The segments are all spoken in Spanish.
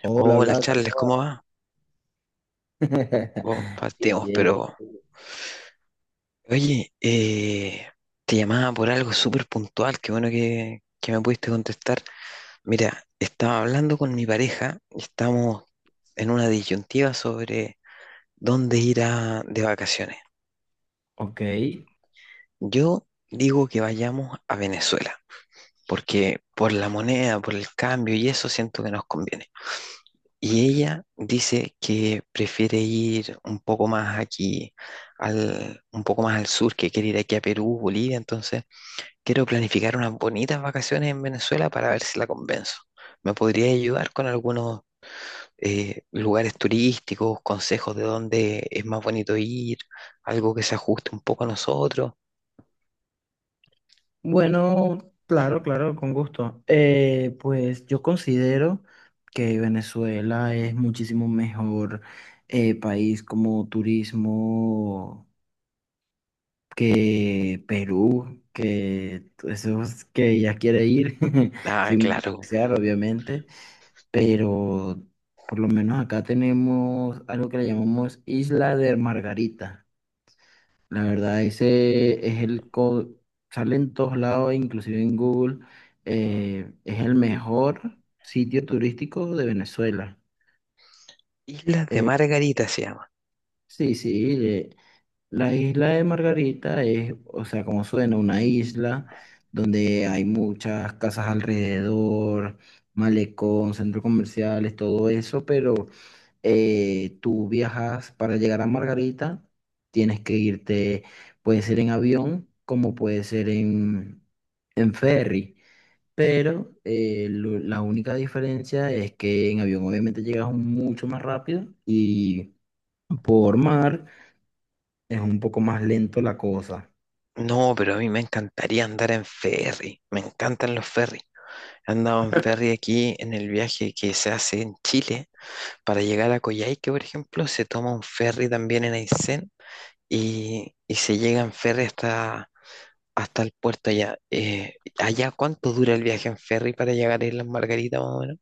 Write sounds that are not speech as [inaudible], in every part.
Hola, Hola Blas, Charles, ¿cómo ¿cómo vas? va? [laughs] Oh, Bien, partimos, bien. pero oye, te llamaba por algo súper puntual, qué bueno que me pudiste contestar. Mira, estaba hablando con mi pareja, y estamos en una disyuntiva sobre dónde de vacaciones. Ok. Yo digo que vayamos a Venezuela, porque por la moneda, por el cambio y eso siento que nos conviene. Y ella dice que prefiere ir un poco más aquí, un poco más al sur, que quiere ir aquí a Perú, Bolivia. Entonces, quiero planificar unas bonitas vacaciones en Venezuela para ver si la convenzo. ¿Me podría ayudar con algunos lugares turísticos, consejos de dónde es más bonito ir, algo que se ajuste un poco a nosotros? Bueno, claro, claro, con gusto. Pues yo considero que Venezuela es muchísimo mejor país como turismo que Perú, que esos que ya quiere ir. [laughs] Ah, Sin claro. menospreciar, obviamente, pero por lo menos acá tenemos algo que le llamamos Isla de Margarita. La verdad, ese es sale en todos lados, inclusive en Google. Es el mejor sitio turístico de Venezuela. Islas de Eh, Margarita se llama. sí, sí, la isla de Margarita es, o sea, como suena, una isla donde hay muchas casas alrededor, malecón, centros comerciales, todo eso. Pero, tú viajas para llegar a Margarita, tienes que irte, puede ser en avión, como puede ser en ferry. Pero, la única diferencia es que en avión obviamente llegas mucho más rápido, y por mar es un poco más lento la cosa. No, pero a mí me encantaría andar en ferry. Me encantan los ferries. Andaban ferry aquí en el viaje que se hace en Chile para llegar a Coyhaique, por ejemplo, se toma un ferry también en Aysén y se llega en ferry hasta el puerto allá. ¿Allá cuánto dura el viaje en ferry para llegar a Islas Margarita, más o menos?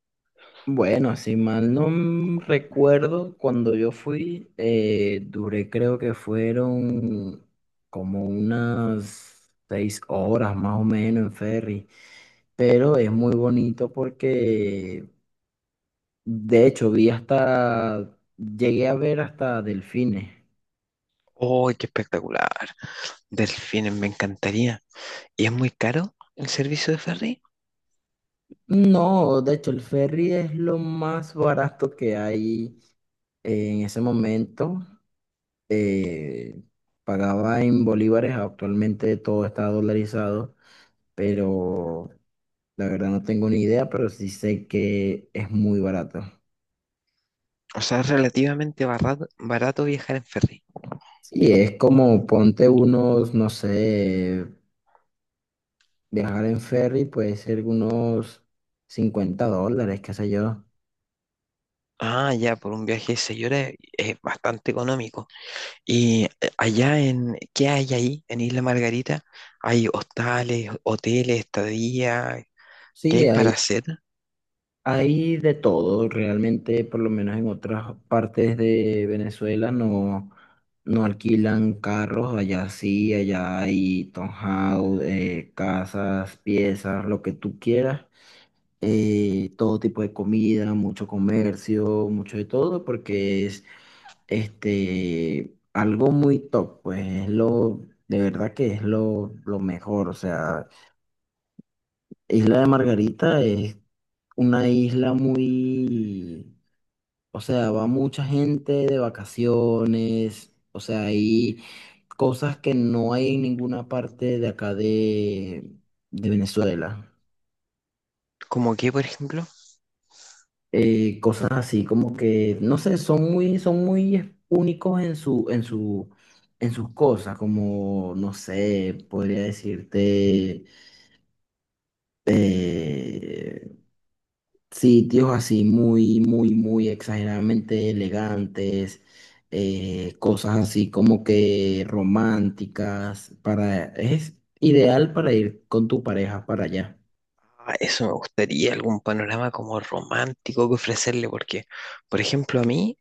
Bueno, si mal no recuerdo, cuando yo fui, duré creo que fueron como unas 6 horas más o menos en ferry, pero es muy bonito porque de hecho llegué a ver hasta delfines. ¡Oh, qué espectacular! Delfines, me encantaría. ¿Y es muy caro el servicio de ferry? No, de hecho el ferry es lo más barato que hay. En ese momento eh, pagaba en bolívares, actualmente todo está dolarizado, pero la verdad no tengo ni idea, pero sí sé que es muy barato. O sea, es relativamente barato, barato viajar en ferry. Sí, es como ponte unos, no sé, viajar en ferry puede ser unos $50, qué sé yo. Ah, ya, por un viaje de 6 horas es bastante económico. Y ¿qué hay ahí en Isla Margarita? ¿Hay hostales, hoteles, estadía? ¿Qué Sí, hay para hay hacer? Hay de todo, realmente. Por lo menos en otras partes de Venezuela no, no alquilan carros, allá sí, allá hay townhouse, casas, piezas, lo que tú quieras, todo tipo de comida, mucho comercio, mucho de todo, porque es algo muy top. Pues, de verdad que es lo mejor. O sea, Isla de Margarita es una isla muy... O sea, va mucha gente de vacaciones. O sea, hay cosas que no hay en ninguna parte de acá de Venezuela. ¿Como qué, por ejemplo? Cosas así como que, no sé, son muy únicos en su, en sus cosas, como, no sé, podría decirte, eh, sitios así, muy, muy, muy exageradamente elegantes, cosas así como que románticas. Es ideal para ir con tu pareja para allá. Ah, eso me gustaría, algún panorama como romántico que ofrecerle, porque, por ejemplo, a mí,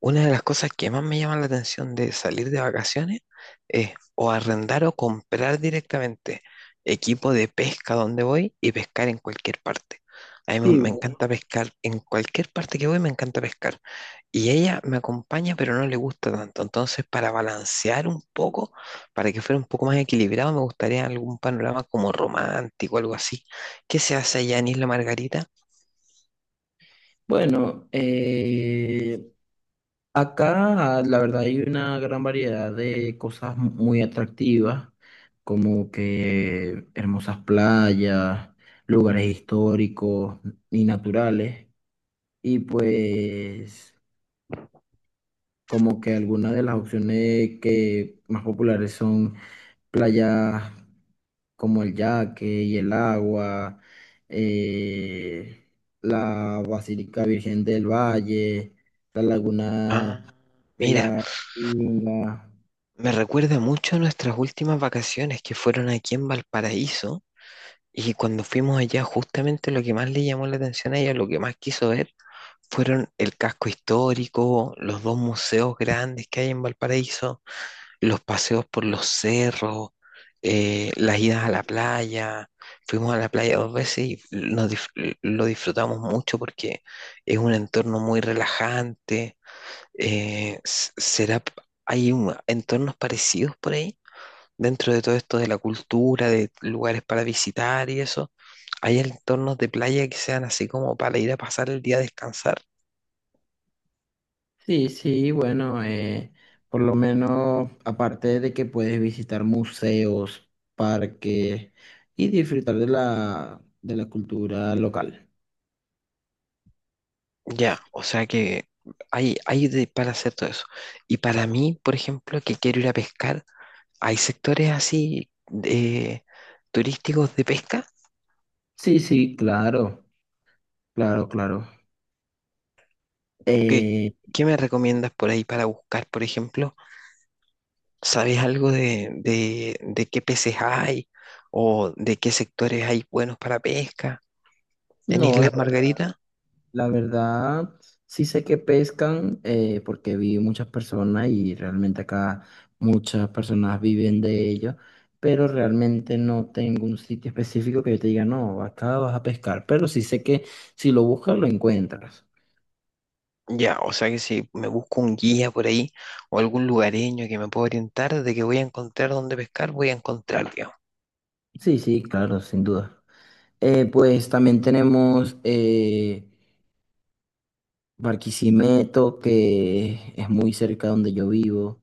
una de las cosas que más me llama la atención de salir de vacaciones es o arrendar o comprar directamente equipo de pesca donde voy y pescar en cualquier parte. A mí me Sí, me bueno. encanta pescar, en cualquier parte que voy me encanta pescar. Y ella me acompaña, pero no le gusta tanto. Entonces, para balancear un poco, para que fuera un poco más equilibrado, me gustaría algún panorama como romántico, algo así. ¿Qué se hace allá en Isla Margarita? Bueno, acá la verdad hay una gran variedad de cosas muy atractivas, como que hermosas playas, lugares históricos y naturales. Y pues, como que algunas de las opciones que más populares son playas como el Yaque y el Agua, eh, la Basílica Virgen del Valle, la Ah, Laguna de mira, la Inga. me recuerda mucho a nuestras últimas vacaciones que fueron aquí en Valparaíso y cuando fuimos allá justamente lo que más le llamó la atención a ella, lo que más quiso ver, fueron el casco histórico, los dos museos grandes que hay en Valparaíso, los paseos por los cerros, las idas a la playa. Fuimos a la playa dos veces y lo disfrutamos mucho porque es un entorno muy relajante. Eh, s- ¿será, p- ¿hay entornos parecidos por ahí? Dentro de todo esto de la cultura, de lugares para visitar y eso, ¿hay entornos de playa que sean así como para ir a pasar el día a descansar? Sí, sí, bueno, por lo menos aparte de que puedes visitar museos, parques y disfrutar de la cultura local. Ya, o sea que para hacer todo eso. Y para mí, por ejemplo, que quiero ir a pescar, ¿hay sectores turísticos de pesca? Sí, sí, claro. Claro, claro. ¿Qué, Eh, ¿qué me recomiendas por ahí para buscar, por ejemplo? ¿Sabes algo de qué peces hay o de qué sectores hay buenos para pesca en no, la, Islas Margarita? la verdad, sí sé que pescan, porque vi muchas personas y realmente acá muchas personas viven de ello, pero realmente no tengo un sitio específico que yo te diga, no, acá vas a pescar, pero sí sé que si lo buscas lo encuentras. Ya, o sea que si me busco un guía por ahí o algún lugareño que me pueda orientar de que voy a encontrar dónde pescar, voy a encontrar, digamos. Sí, sí, claro, sin duda. Pues también tenemos, Barquisimeto, que es muy cerca donde yo vivo,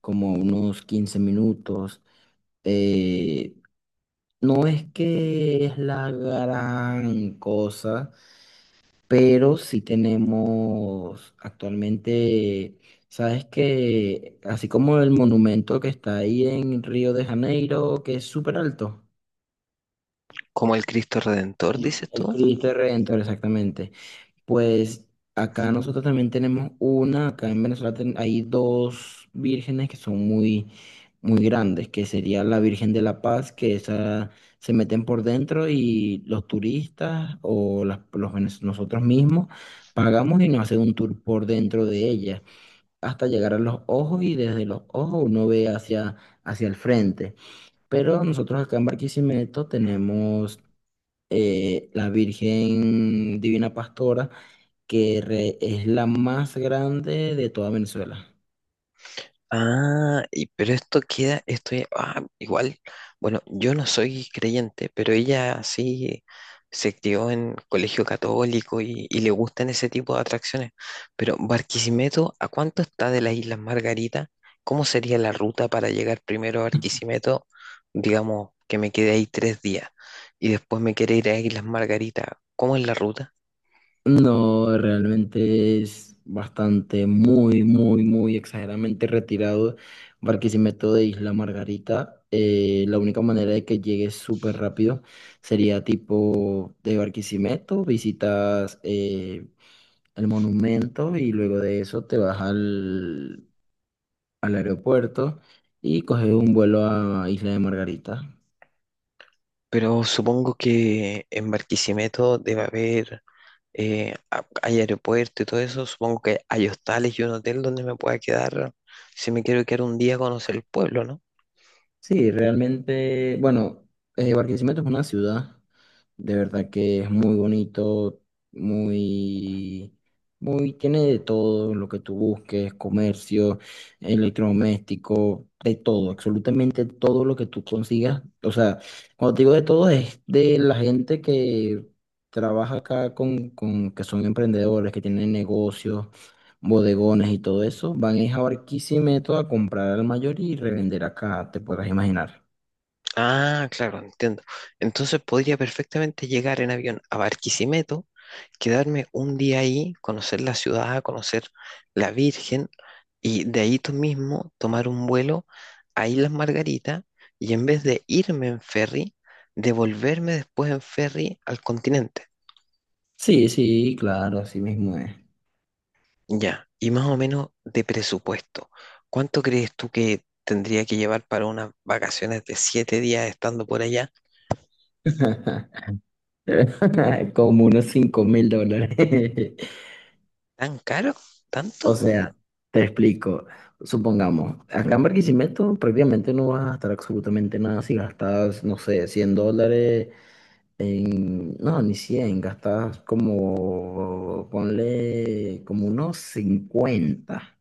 como unos 15 minutos. eh, no es que es la gran cosa, pero sí tenemos actualmente, sabes que así como el monumento que está ahí en Río de Janeiro, que es súper alto, Como el Cristo Redentor, dices el tú. Cristo Redentor, exactamente. Pues acá nosotros también tenemos una, acá en Venezuela, hay dos vírgenes que son muy, muy grandes, que sería la Virgen de la Paz, que esa se meten por dentro y los turistas o nosotros mismos pagamos y nos hacen un tour por dentro de ella, hasta llegar a los ojos, y desde los ojos uno ve hacia, hacia el frente. Pero nosotros acá en Barquisimeto tenemos, la Virgen Divina Pastora, que es la más grande de toda Venezuela. Ah, y pero esto queda, esto ya- ah, igual, bueno, yo no soy creyente, pero ella sí se crió en colegio católico y le gustan ese tipo de atracciones. Pero Barquisimeto, ¿a cuánto está de las Islas Margarita? ¿Cómo sería la ruta para llegar primero a Barquisimeto? Digamos que me quedé ahí 3 días y después me quiere ir a Islas Margarita. ¿Cómo es la ruta? No, realmente es bastante, muy, muy, muy exageradamente retirado Barquisimeto de Isla Margarita. La única manera de que llegues súper rápido sería tipo de Barquisimeto, visitas, el monumento, y luego de eso te vas al aeropuerto y coges un vuelo a Isla de Margarita. Pero supongo que en Barquisimeto debe haber hay aeropuerto y todo eso, supongo que hay hostales y un hotel donde me pueda quedar si me quiero quedar un día a conocer el pueblo, ¿no? Sí, realmente, bueno, Barquisimeto es una ciudad, de verdad que es muy bonito, muy, muy, tiene de todo lo que tú busques, comercio, electrodoméstico, de todo, absolutamente todo lo que tú consigas. O sea, cuando te digo de todo es de la gente que trabaja acá con que son emprendedores, que tienen negocios, bodegones y todo eso, van es a Barquisimeto a comprar al mayor y revender acá, te podrás imaginar. Ah, claro, entiendo. Entonces podría perfectamente llegar en avión a Barquisimeto, quedarme un día ahí, conocer la ciudad, conocer la Virgen y de ahí tú mismo tomar un vuelo a Islas Margarita y en vez de irme en ferry, devolverme después en ferry al continente. Sí, sí, claro, así mismo es. Ya, y más o menos de presupuesto, ¿cuánto crees tú que tendría que llevar para unas vacaciones de 7 días estando por allá? [laughs] [laughs] Como unos $5.000. [laughs] ¿Tan caro? ¿Tanto? O sea, te explico. Supongamos, acá en Barquisimeto prácticamente no vas a gastar absolutamente nada. Si gastas, no sé, $100 en... No, ni 100, gastas como, ponle como unos 50.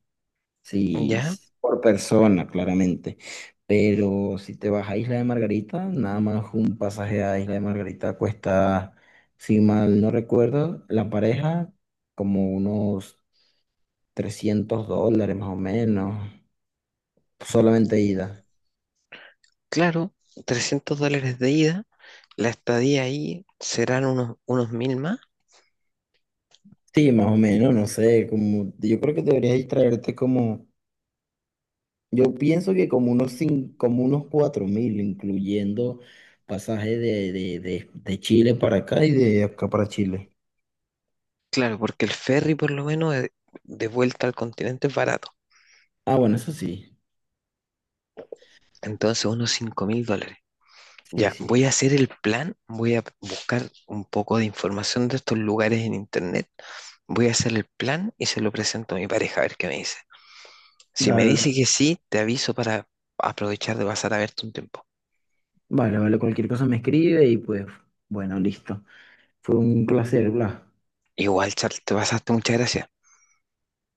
Sí, Ya, por persona, claramente. Pero si te vas a Isla de Margarita, nada más un pasaje a Isla de Margarita cuesta, si mal no recuerdo, la pareja como unos $300 más o menos, solamente eh, ida. claro, $300 de ida, la estadía ahí serán unos 1.000 más, Sí, más o menos, no sé, como yo creo que deberías traerte como, yo pienso que como unos 4.000, incluyendo pasaje de, de Chile para acá y de acá para Chile. claro, porque el ferry por lo menos vuelta al continente es barato, Ah, bueno, eso sí. entonces unos $5.000. Sí, Ya, sí. voy a hacer el plan, voy a buscar un poco de información de estos lugares en internet, voy a hacer el plan y se lo presento a mi pareja a ver qué me dice. Si La me verdad. dice que sí, te aviso para aprovechar de pasar a verte un tiempo. Vale, vale, cualquier cosa me escribe y pues, bueno, listo. Fue un placer, Blas. Igual, Charles, te pasaste, muchas gracias.